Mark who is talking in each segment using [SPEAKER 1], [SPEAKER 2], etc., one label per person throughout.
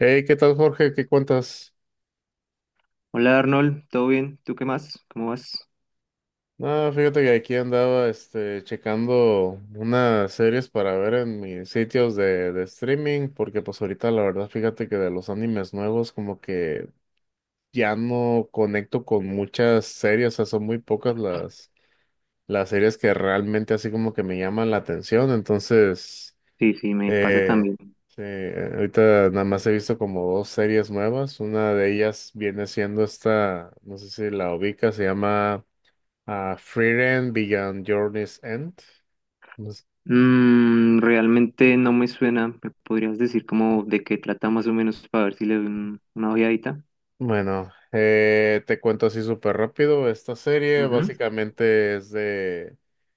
[SPEAKER 1] Hey, ¿qué tal, Jorge? ¿Qué cuentas?
[SPEAKER 2] Hola Arnold, ¿todo bien? ¿Tú qué más? ¿Cómo vas?
[SPEAKER 1] Ah, fíjate que aquí andaba, checando unas series para ver en mis sitios de streaming, porque pues ahorita la verdad, fíjate que de los animes nuevos como que ya no conecto con muchas series, o sea, son muy pocas las series que realmente así como que me llaman la atención, entonces,
[SPEAKER 2] Sí, sí, me pasa
[SPEAKER 1] eh,
[SPEAKER 2] también.
[SPEAKER 1] sí, ahorita nada más he visto como dos series nuevas, una de ellas viene siendo esta, no sé si la ubicas, se llama... Ah, Frieren Beyond Journey's End. No sé.
[SPEAKER 2] Mm, realmente no me suena. ¿Me podrías decir como de qué trata más o menos para ver si le doy una ojeadita?
[SPEAKER 1] Bueno, te cuento así súper rápido. Esta serie
[SPEAKER 2] Ujú,
[SPEAKER 1] básicamente es de...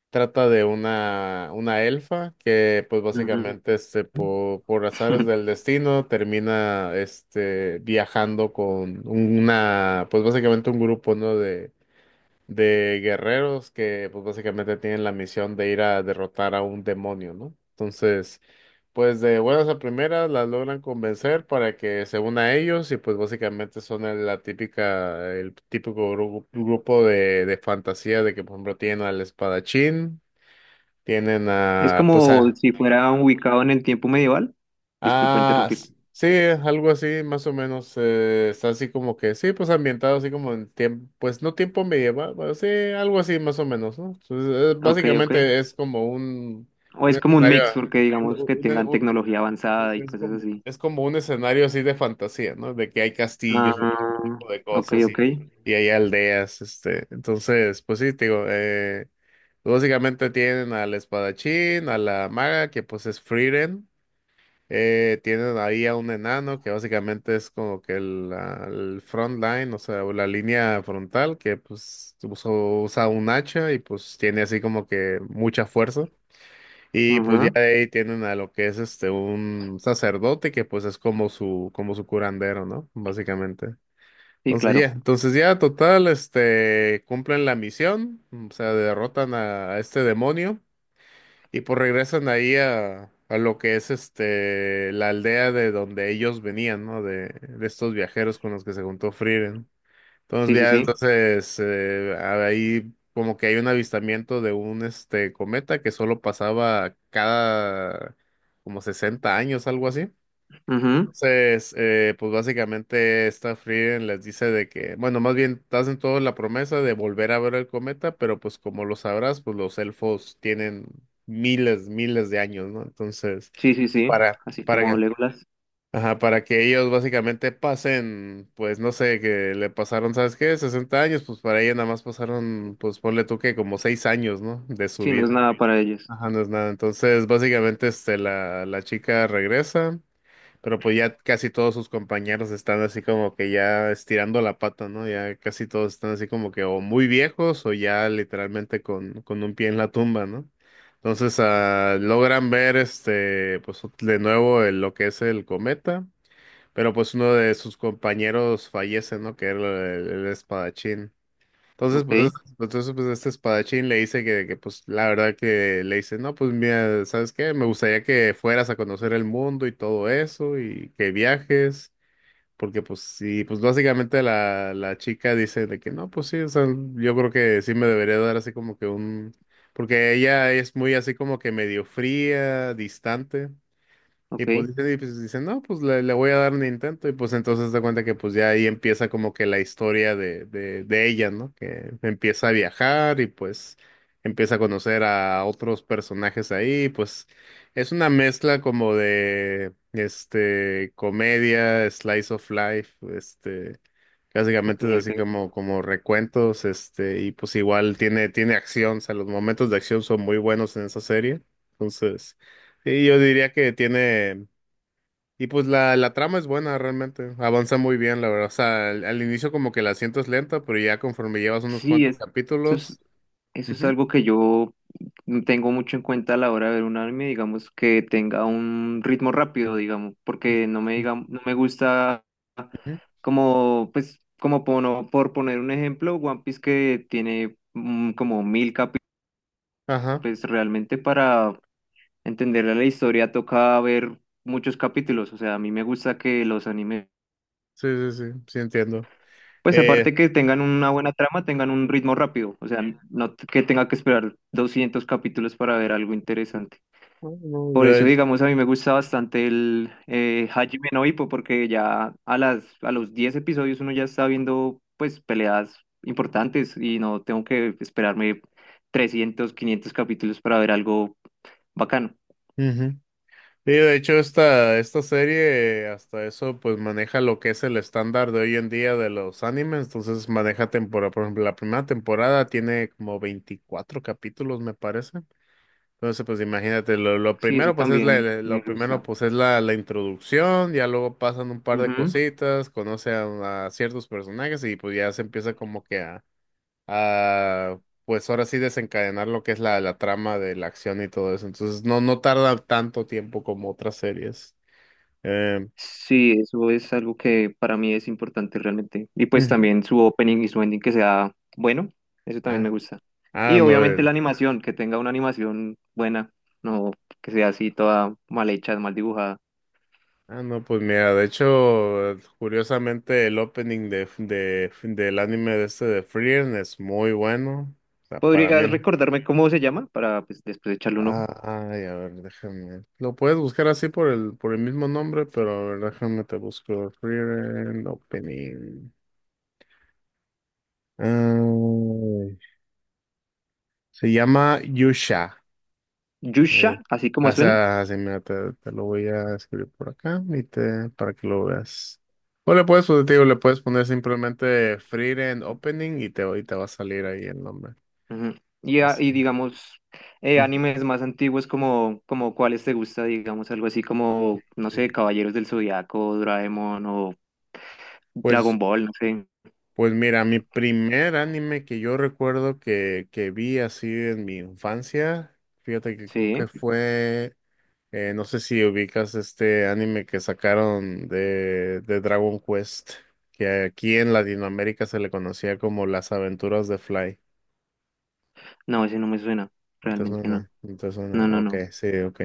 [SPEAKER 1] Trata de una elfa que pues básicamente
[SPEAKER 2] ujú.
[SPEAKER 1] por azares del destino termina viajando con una, pues básicamente un grupo, ¿no?, de guerreros que pues básicamente tienen la misión de ir a derrotar a un demonio, ¿no? Entonces... Pues de buenas a primeras las logran convencer para que se una a ellos y pues básicamente son la típica, el típico grupo de fantasía de que por ejemplo tienen al espadachín, tienen
[SPEAKER 2] Es
[SPEAKER 1] a, pues
[SPEAKER 2] como
[SPEAKER 1] a,
[SPEAKER 2] si fuera ubicado en el tiempo medieval. Disculpa
[SPEAKER 1] ah,
[SPEAKER 2] interrumpir.
[SPEAKER 1] sí, algo así, más o menos. Está así como que, sí, pues ambientado así como en tiempo, pues no tiempo medieval, pero sí, algo así, más o menos, ¿no? Entonces,
[SPEAKER 2] Ok, ok.
[SPEAKER 1] básicamente es como
[SPEAKER 2] ¿O
[SPEAKER 1] un
[SPEAKER 2] es como un
[SPEAKER 1] escenario,
[SPEAKER 2] mix, porque
[SPEAKER 1] un-
[SPEAKER 2] digamos que
[SPEAKER 1] un-
[SPEAKER 2] tengan
[SPEAKER 1] un-
[SPEAKER 2] tecnología avanzada y cosas así?
[SPEAKER 1] es como un escenario así de fantasía, ¿no? De que hay castillos y todo ese
[SPEAKER 2] Ah,
[SPEAKER 1] tipo de
[SPEAKER 2] ok,
[SPEAKER 1] cosas
[SPEAKER 2] ok.
[SPEAKER 1] y hay aldeas, Entonces, pues sí, te digo, básicamente tienen al espadachín, a la maga, que pues es Frieren. Tienen ahí a un enano que básicamente es como que el front line, o sea, o la línea frontal, que pues usa un hacha y pues tiene así como que mucha fuerza. Y pues ya
[SPEAKER 2] Ajá.
[SPEAKER 1] de ahí tienen a lo que es un sacerdote que pues es como su curandero, ¿no? Básicamente.
[SPEAKER 2] Sí, claro.
[SPEAKER 1] Entonces ya total, cumplen la misión, o sea, derrotan a este demonio. Y pues regresan ahí a lo que es la aldea de donde ellos venían, ¿no? De estos viajeros con los que se juntó Frieren.
[SPEAKER 2] Sí,
[SPEAKER 1] Entonces
[SPEAKER 2] sí,
[SPEAKER 1] ya,
[SPEAKER 2] sí.
[SPEAKER 1] entonces ahí como que hay un avistamiento de un cometa que solo pasaba cada como 60 años, algo así.
[SPEAKER 2] Ujú.
[SPEAKER 1] Entonces, pues básicamente esta Frieren les dice de que, bueno, más bien hacen toda la promesa de volver a ver el cometa, pero pues como lo sabrás, pues los elfos tienen miles, miles de años, ¿no? Entonces,
[SPEAKER 2] Sí, sí, sí,
[SPEAKER 1] para,
[SPEAKER 2] así
[SPEAKER 1] para
[SPEAKER 2] como
[SPEAKER 1] que,
[SPEAKER 2] Legolas.
[SPEAKER 1] ajá, para que ellos básicamente pasen, pues no sé, que le pasaron, ¿sabes qué? 60 años, pues para ella nada más pasaron, pues ponle tú que como 6 años, ¿no? De su
[SPEAKER 2] Sí, no es
[SPEAKER 1] vida.
[SPEAKER 2] nada para ellos.
[SPEAKER 1] Ajá, no es nada. Entonces, básicamente, la chica regresa. Pero pues ya casi todos sus compañeros están así como que ya estirando la pata, ¿no? Ya casi todos están así como que o muy viejos o ya literalmente con un pie en la tumba, ¿no? Entonces logran ver pues de nuevo lo que es el cometa, pero pues uno de sus compañeros fallece, ¿no? Que era el espadachín. Entonces,
[SPEAKER 2] Ok,
[SPEAKER 1] pues, pues, entonces, pues este espadachín le dice pues, la verdad que le dice, no, pues, mira, ¿sabes qué? Me gustaría que fueras a conocer el mundo y todo eso y que viajes, porque, pues, sí, pues, básicamente la chica dice de que, no, pues, sí, o sea, yo creo que sí me debería dar así como que un, porque ella es muy así como que medio fría, distante.
[SPEAKER 2] ok,
[SPEAKER 1] Y pues dice, no, pues le voy a dar un intento. Y pues entonces da cuenta que pues ya ahí empieza como que la historia de ella, ¿no? Que empieza a viajar y pues empieza a conocer a otros personajes ahí. Pues es una mezcla como de, comedia, slice of life,
[SPEAKER 2] ok,
[SPEAKER 1] básicamente es así
[SPEAKER 2] ok.
[SPEAKER 1] como, como recuentos, y pues igual tiene acción, o sea, los momentos de acción son muy buenos en esa serie. Entonces... Sí, yo diría que tiene. Y pues la trama es buena realmente, avanza muy bien, la verdad. O sea, al inicio como que la sientes lenta, pero ya conforme llevas unos
[SPEAKER 2] Sí,
[SPEAKER 1] cuantos
[SPEAKER 2] eso es,
[SPEAKER 1] capítulos.
[SPEAKER 2] eso es
[SPEAKER 1] Ujú,
[SPEAKER 2] algo que yo tengo mucho en cuenta a la hora de ver un anime, digamos, que tenga un ritmo rápido, digamos, porque no me
[SPEAKER 1] ujú,
[SPEAKER 2] diga, no me gusta
[SPEAKER 1] ujú.
[SPEAKER 2] como, pues, como por poner un ejemplo, One Piece que tiene como 1000 capítulos,
[SPEAKER 1] Ajá,
[SPEAKER 2] pues realmente para entender la historia toca ver muchos capítulos, o sea, a mí me gusta que los animes.
[SPEAKER 1] sí, sí, sí, sí entiendo.
[SPEAKER 2] Pues
[SPEAKER 1] Eh,
[SPEAKER 2] aparte que tengan una buena trama, tengan un ritmo rápido, o sea, no t- que tenga que esperar 200 capítulos para ver algo interesante.
[SPEAKER 1] bueno,
[SPEAKER 2] Por eso,
[SPEAKER 1] de,
[SPEAKER 2] digamos, a mí me gusta bastante el Hajime no Ippo, porque ya a las, a los 10 episodios uno ya está viendo, pues, peleas importantes y no tengo que esperarme 300, 500 capítulos para ver algo bacano.
[SPEAKER 1] ujú. Sí, de hecho esta serie hasta eso pues maneja lo que es el estándar de hoy en día de los animes, entonces maneja temporada, por ejemplo, la primera temporada tiene como 24 capítulos me parece. Entonces, pues imagínate, lo
[SPEAKER 2] Sí, eso
[SPEAKER 1] primero, pues es
[SPEAKER 2] también me
[SPEAKER 1] lo primero,
[SPEAKER 2] gusta.
[SPEAKER 1] pues es la introducción, ya luego pasan un par de cositas, conoce a ciertos personajes y pues ya se empieza como que a, pues ahora sí desencadenar lo que es la trama de la acción y todo eso. Entonces, no tarda tanto tiempo como otras series. Eh,
[SPEAKER 2] Sí, eso es algo que para mí es importante realmente. Y pues
[SPEAKER 1] ujú.
[SPEAKER 2] también su opening y su ending que sea bueno, eso también me
[SPEAKER 1] Ah,
[SPEAKER 2] gusta. Y
[SPEAKER 1] no,
[SPEAKER 2] obviamente la animación, que tenga una animación buena, no que sea así toda mal hecha, mal dibujada.
[SPEAKER 1] ah, no, pues mira, de hecho, curiosamente el opening del anime de de Frieren es muy bueno. O sea, para
[SPEAKER 2] ¿Podrías
[SPEAKER 1] mí,
[SPEAKER 2] recordarme cómo se llama para pues, después echarle un
[SPEAKER 1] ah,
[SPEAKER 2] ojo?
[SPEAKER 1] ay, a ver, déjame. Lo puedes buscar así por el mismo nombre, pero a ver, déjame te busco. Friend Opening. Ay, se llama Yusha. Eh,
[SPEAKER 2] Yusha, así como
[SPEAKER 1] o
[SPEAKER 2] suena.
[SPEAKER 1] sea, así, mira, te lo voy a escribir por acá y te, para que lo veas. O le puedes, pues, te digo, le puedes poner simplemente Friend Opening y te va a salir ahí el nombre.
[SPEAKER 2] Ujú. Y, y
[SPEAKER 1] Así.
[SPEAKER 2] digamos,
[SPEAKER 1] Ujú.
[SPEAKER 2] animes más antiguos como, como cuáles te gusta, digamos, algo así como, no sé, Caballeros del Zodiaco, Doraemon o Dragon
[SPEAKER 1] Pues.
[SPEAKER 2] Ball, no sé.
[SPEAKER 1] Pues mira, mi primer anime que yo recuerdo que vi así en mi infancia, fíjate que creo que
[SPEAKER 2] Sí,
[SPEAKER 1] fue, no sé si ubicas este anime que sacaron de Dragon Quest, que aquí en Latinoamérica se le conocía como Las Aventuras de Fly.
[SPEAKER 2] no, ese no me suena,
[SPEAKER 1] ¿No te
[SPEAKER 2] realmente no.
[SPEAKER 1] suena? ¿No te suena?
[SPEAKER 2] No, no,
[SPEAKER 1] Ok,
[SPEAKER 2] no.
[SPEAKER 1] sí, ok.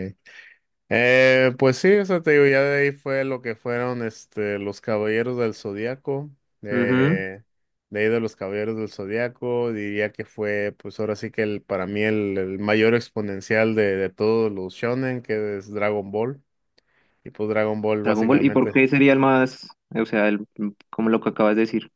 [SPEAKER 1] Pues sí, o sea, te digo, ya de ahí fue lo que fueron los Caballeros del Zodiaco,
[SPEAKER 2] Ujú.
[SPEAKER 1] eh, de ahí de los Caballeros del Zodiaco, diría que fue, pues ahora sí que el, para mí el mayor exponencial de todos los shonen, que es Dragon Ball. Y pues Dragon Ball
[SPEAKER 2] Dragon Ball, ¿y por
[SPEAKER 1] básicamente.
[SPEAKER 2] qué sería el más, o sea, el, como lo que acabas de decir,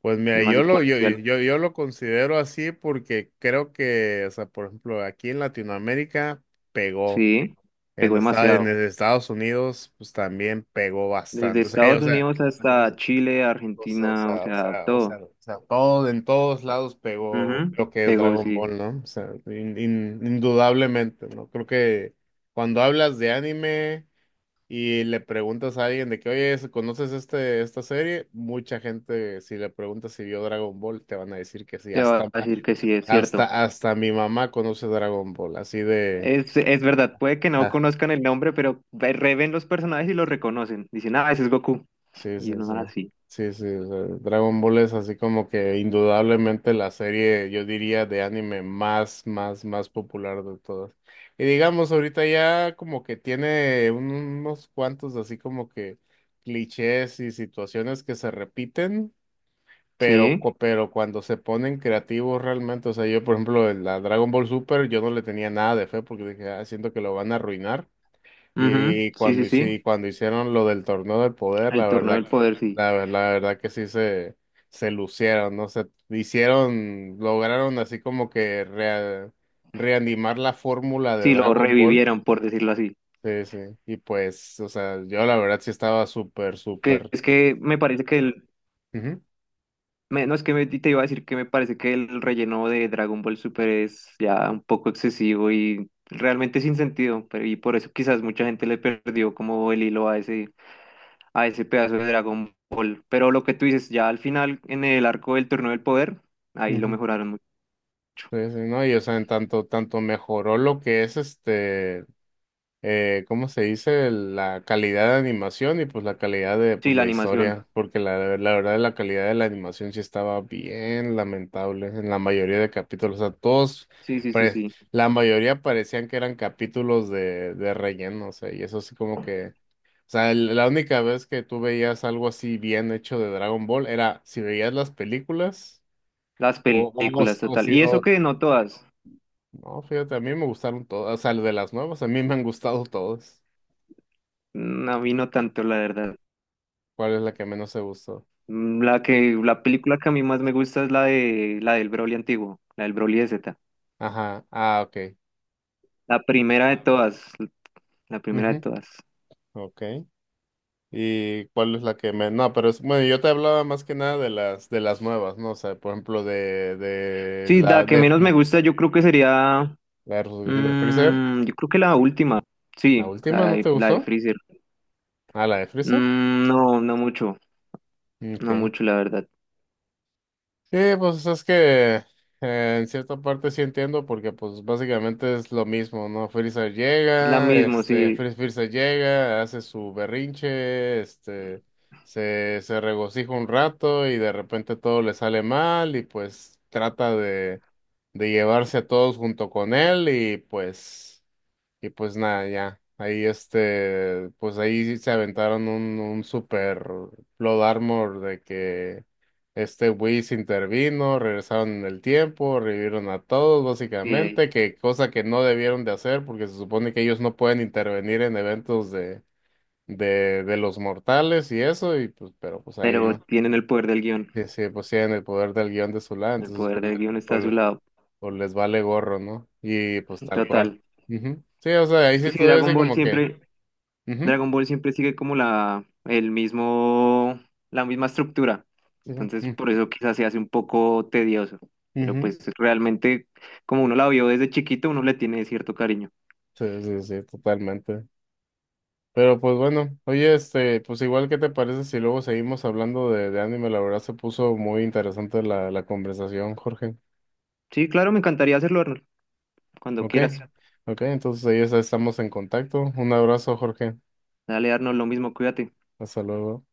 [SPEAKER 1] Pues mira,
[SPEAKER 2] el más
[SPEAKER 1] yo lo, yo, yo,
[SPEAKER 2] exponencial?
[SPEAKER 1] yo yo lo considero así porque creo que, o sea, por ejemplo, aquí en Latinoamérica pegó.
[SPEAKER 2] Sí, pegó demasiado.
[SPEAKER 1] En Estados Unidos, pues también pegó
[SPEAKER 2] Desde
[SPEAKER 1] bastante. O sea, o
[SPEAKER 2] Estados
[SPEAKER 1] sea,
[SPEAKER 2] Unidos hasta Chile,
[SPEAKER 1] o
[SPEAKER 2] Argentina, o
[SPEAKER 1] sea, o sea,
[SPEAKER 2] sea, todo.
[SPEAKER 1] todo, en todos lados pegó
[SPEAKER 2] Ujú.
[SPEAKER 1] lo que es
[SPEAKER 2] Pegó,
[SPEAKER 1] Dragon
[SPEAKER 2] sí.
[SPEAKER 1] Ball, ¿no? O sea, indudablemente, ¿no? Creo que cuando hablas de anime y le preguntas a alguien de que, oye, ¿conoces este, esta serie? Mucha gente, si le preguntas si vio Dragon Ball, te van a decir que sí.
[SPEAKER 2] Te va
[SPEAKER 1] Hasta,
[SPEAKER 2] a decir que sí, es cierto.
[SPEAKER 1] hasta, hasta mi mamá conoce Dragon Ball, así de...
[SPEAKER 2] Es verdad, puede que no
[SPEAKER 1] ah,
[SPEAKER 2] conozcan el nombre, pero reven los personajes y los reconocen. Dicen, ah, ese es Goku.
[SPEAKER 1] Sí,
[SPEAKER 2] Y
[SPEAKER 1] sí,
[SPEAKER 2] uno
[SPEAKER 1] sí.
[SPEAKER 2] así.
[SPEAKER 1] Sí, sí, o sea, Dragon Ball es así como que indudablemente la serie, yo diría, de anime más, más, más popular de todas. Y digamos, ahorita ya como que tiene unos cuantos así como que clichés y situaciones que se repiten, pero,
[SPEAKER 2] Sí,
[SPEAKER 1] pero cuando se ponen creativos realmente, o sea, yo por ejemplo, en la Dragon Ball Super, yo no le tenía nada de fe porque dije, ah, siento que lo van a arruinar.
[SPEAKER 2] ujú,
[SPEAKER 1] Y
[SPEAKER 2] sí,
[SPEAKER 1] cuando,
[SPEAKER 2] sí, sí. Bueno,
[SPEAKER 1] y cuando hicieron lo del torneo del poder, la
[SPEAKER 2] el torneo
[SPEAKER 1] verdad
[SPEAKER 2] del
[SPEAKER 1] que,
[SPEAKER 2] claro. Poder, sí.
[SPEAKER 1] la verdad que sí se lucieron, ¿no? Se hicieron, lograron así como que reanimar la fórmula de
[SPEAKER 2] Sí, lo
[SPEAKER 1] Dragon Ball.
[SPEAKER 2] revivieron, por decirlo así.
[SPEAKER 1] Sí, sí. Y pues, o sea, yo la verdad sí estaba súper,
[SPEAKER 2] Que
[SPEAKER 1] súper.
[SPEAKER 2] es que me parece que el.
[SPEAKER 1] Ujú,
[SPEAKER 2] No, es que te iba a decir que me parece que el relleno de Dragon Ball Super es ya un poco excesivo y realmente sin sentido. Pero, y por eso quizás mucha gente le perdió como el hilo a ese. A ese pedazo de Dragon Ball. Pero lo que tú dices, ya al final, en el arco del Torneo del Poder, ahí lo
[SPEAKER 1] ujú.
[SPEAKER 2] mejoraron mucho.
[SPEAKER 1] Sí, sí, ¿no? Y o sea, en tanto, tanto mejoró lo que es este. ¿Cómo se dice? La calidad de animación y pues la calidad de
[SPEAKER 2] Sí,
[SPEAKER 1] pues,
[SPEAKER 2] la
[SPEAKER 1] la
[SPEAKER 2] animación.
[SPEAKER 1] historia, porque la verdad la calidad de la animación sí estaba bien lamentable en la mayoría de capítulos, o sea, todos,
[SPEAKER 2] Sí, sí, sí,
[SPEAKER 1] pare-
[SPEAKER 2] sí.
[SPEAKER 1] la mayoría parecían que eran capítulos de relleno, o sea, y eso así como que, o sea, la única vez que tú veías algo así bien hecho de Dragon Ball era si veías las películas
[SPEAKER 2] Las películas,
[SPEAKER 1] o
[SPEAKER 2] total.
[SPEAKER 1] si,
[SPEAKER 2] Y eso
[SPEAKER 1] o,
[SPEAKER 2] que no todas.
[SPEAKER 1] no, fíjate, a mí me gustaron todas, o sea, de las nuevas, a mí me han gustado todas.
[SPEAKER 2] Mm, a mí no tanto, la verdad.
[SPEAKER 1] ¿Cuál es la que menos te gustó?
[SPEAKER 2] Mm, la que, la película que a mí más me gusta es la de, la del Broly antiguo, la del Broly de Z.
[SPEAKER 1] Ajá. Ah, ok.
[SPEAKER 2] La primera de todas. La primera de
[SPEAKER 1] Ujú,
[SPEAKER 2] todas.
[SPEAKER 1] ok. ¿Y cuál es la que menos? No, pero es, bueno, yo te hablaba más que nada de las de las nuevas, ¿no? O sea, por ejemplo,
[SPEAKER 2] Sí, la que menos me gusta yo creo que sería...
[SPEAKER 1] la de Freezer.
[SPEAKER 2] Mm, yo creo que la última.
[SPEAKER 1] ¿La
[SPEAKER 2] Sí,
[SPEAKER 1] última no te
[SPEAKER 2] la de
[SPEAKER 1] gustó?
[SPEAKER 2] Freezer.
[SPEAKER 1] Ah, la de Freezer.
[SPEAKER 2] Mm, no, no mucho. No
[SPEAKER 1] Ok.
[SPEAKER 2] mucho, la verdad.
[SPEAKER 1] Sí, pues es que en cierta parte sí entiendo porque pues básicamente es lo mismo, ¿no? Frieza
[SPEAKER 2] Es la
[SPEAKER 1] llega,
[SPEAKER 2] misma, sí,
[SPEAKER 1] Frieza llega, hace su berrinche, se regocija un rato y de repente todo le sale mal y pues trata de llevarse a todos junto con él y pues... Y pues nada, ya. Ahí pues ahí sí se aventaron un super Blood Armor de que Whis intervino, regresaron en el tiempo, revivieron a todos
[SPEAKER 2] sí,
[SPEAKER 1] básicamente, que cosa que no debieron de hacer porque se supone que ellos no pueden intervenir en eventos de los mortales y eso, y pues, pero pues ahí
[SPEAKER 2] pero
[SPEAKER 1] no.
[SPEAKER 2] tienen el poder del guión.
[SPEAKER 1] Sí, sí, pues tienen el poder del guión de su lado,
[SPEAKER 2] El
[SPEAKER 1] entonces
[SPEAKER 2] poder
[SPEAKER 1] pues,
[SPEAKER 2] del guión está a su lado.
[SPEAKER 1] pues les vale gorro, ¿no? Y pues tal cual.
[SPEAKER 2] Total.
[SPEAKER 1] Ujú. Sí, o sea, ahí
[SPEAKER 2] Es que
[SPEAKER 1] sí
[SPEAKER 2] si
[SPEAKER 1] todavía
[SPEAKER 2] Dragon
[SPEAKER 1] así
[SPEAKER 2] Ball
[SPEAKER 1] como que
[SPEAKER 2] siempre,
[SPEAKER 1] ujú,
[SPEAKER 2] Dragon Ball siempre sigue como la, el mismo, la misma estructura.
[SPEAKER 1] sí, sí,
[SPEAKER 2] Entonces,
[SPEAKER 1] mm,
[SPEAKER 2] por eso quizás se hace un poco tedioso. Pero
[SPEAKER 1] ujú.
[SPEAKER 2] pues realmente, como uno la vio desde chiquito, uno le tiene cierto cariño.
[SPEAKER 1] Sí, sí, sí, totalmente. Pero pues bueno, oye, pues igual, ¿qué te parece si luego seguimos hablando de anime? La verdad se puso muy interesante la conversación, Jorge.
[SPEAKER 2] Sí, claro, me encantaría hacerlo, Arnold. Cuando
[SPEAKER 1] ¿Ok?
[SPEAKER 2] quieras.
[SPEAKER 1] Ok, entonces ahí ya estamos en contacto. Un abrazo, Jorge.
[SPEAKER 2] Dale, Arnold, lo mismo, cuídate.
[SPEAKER 1] Hasta luego.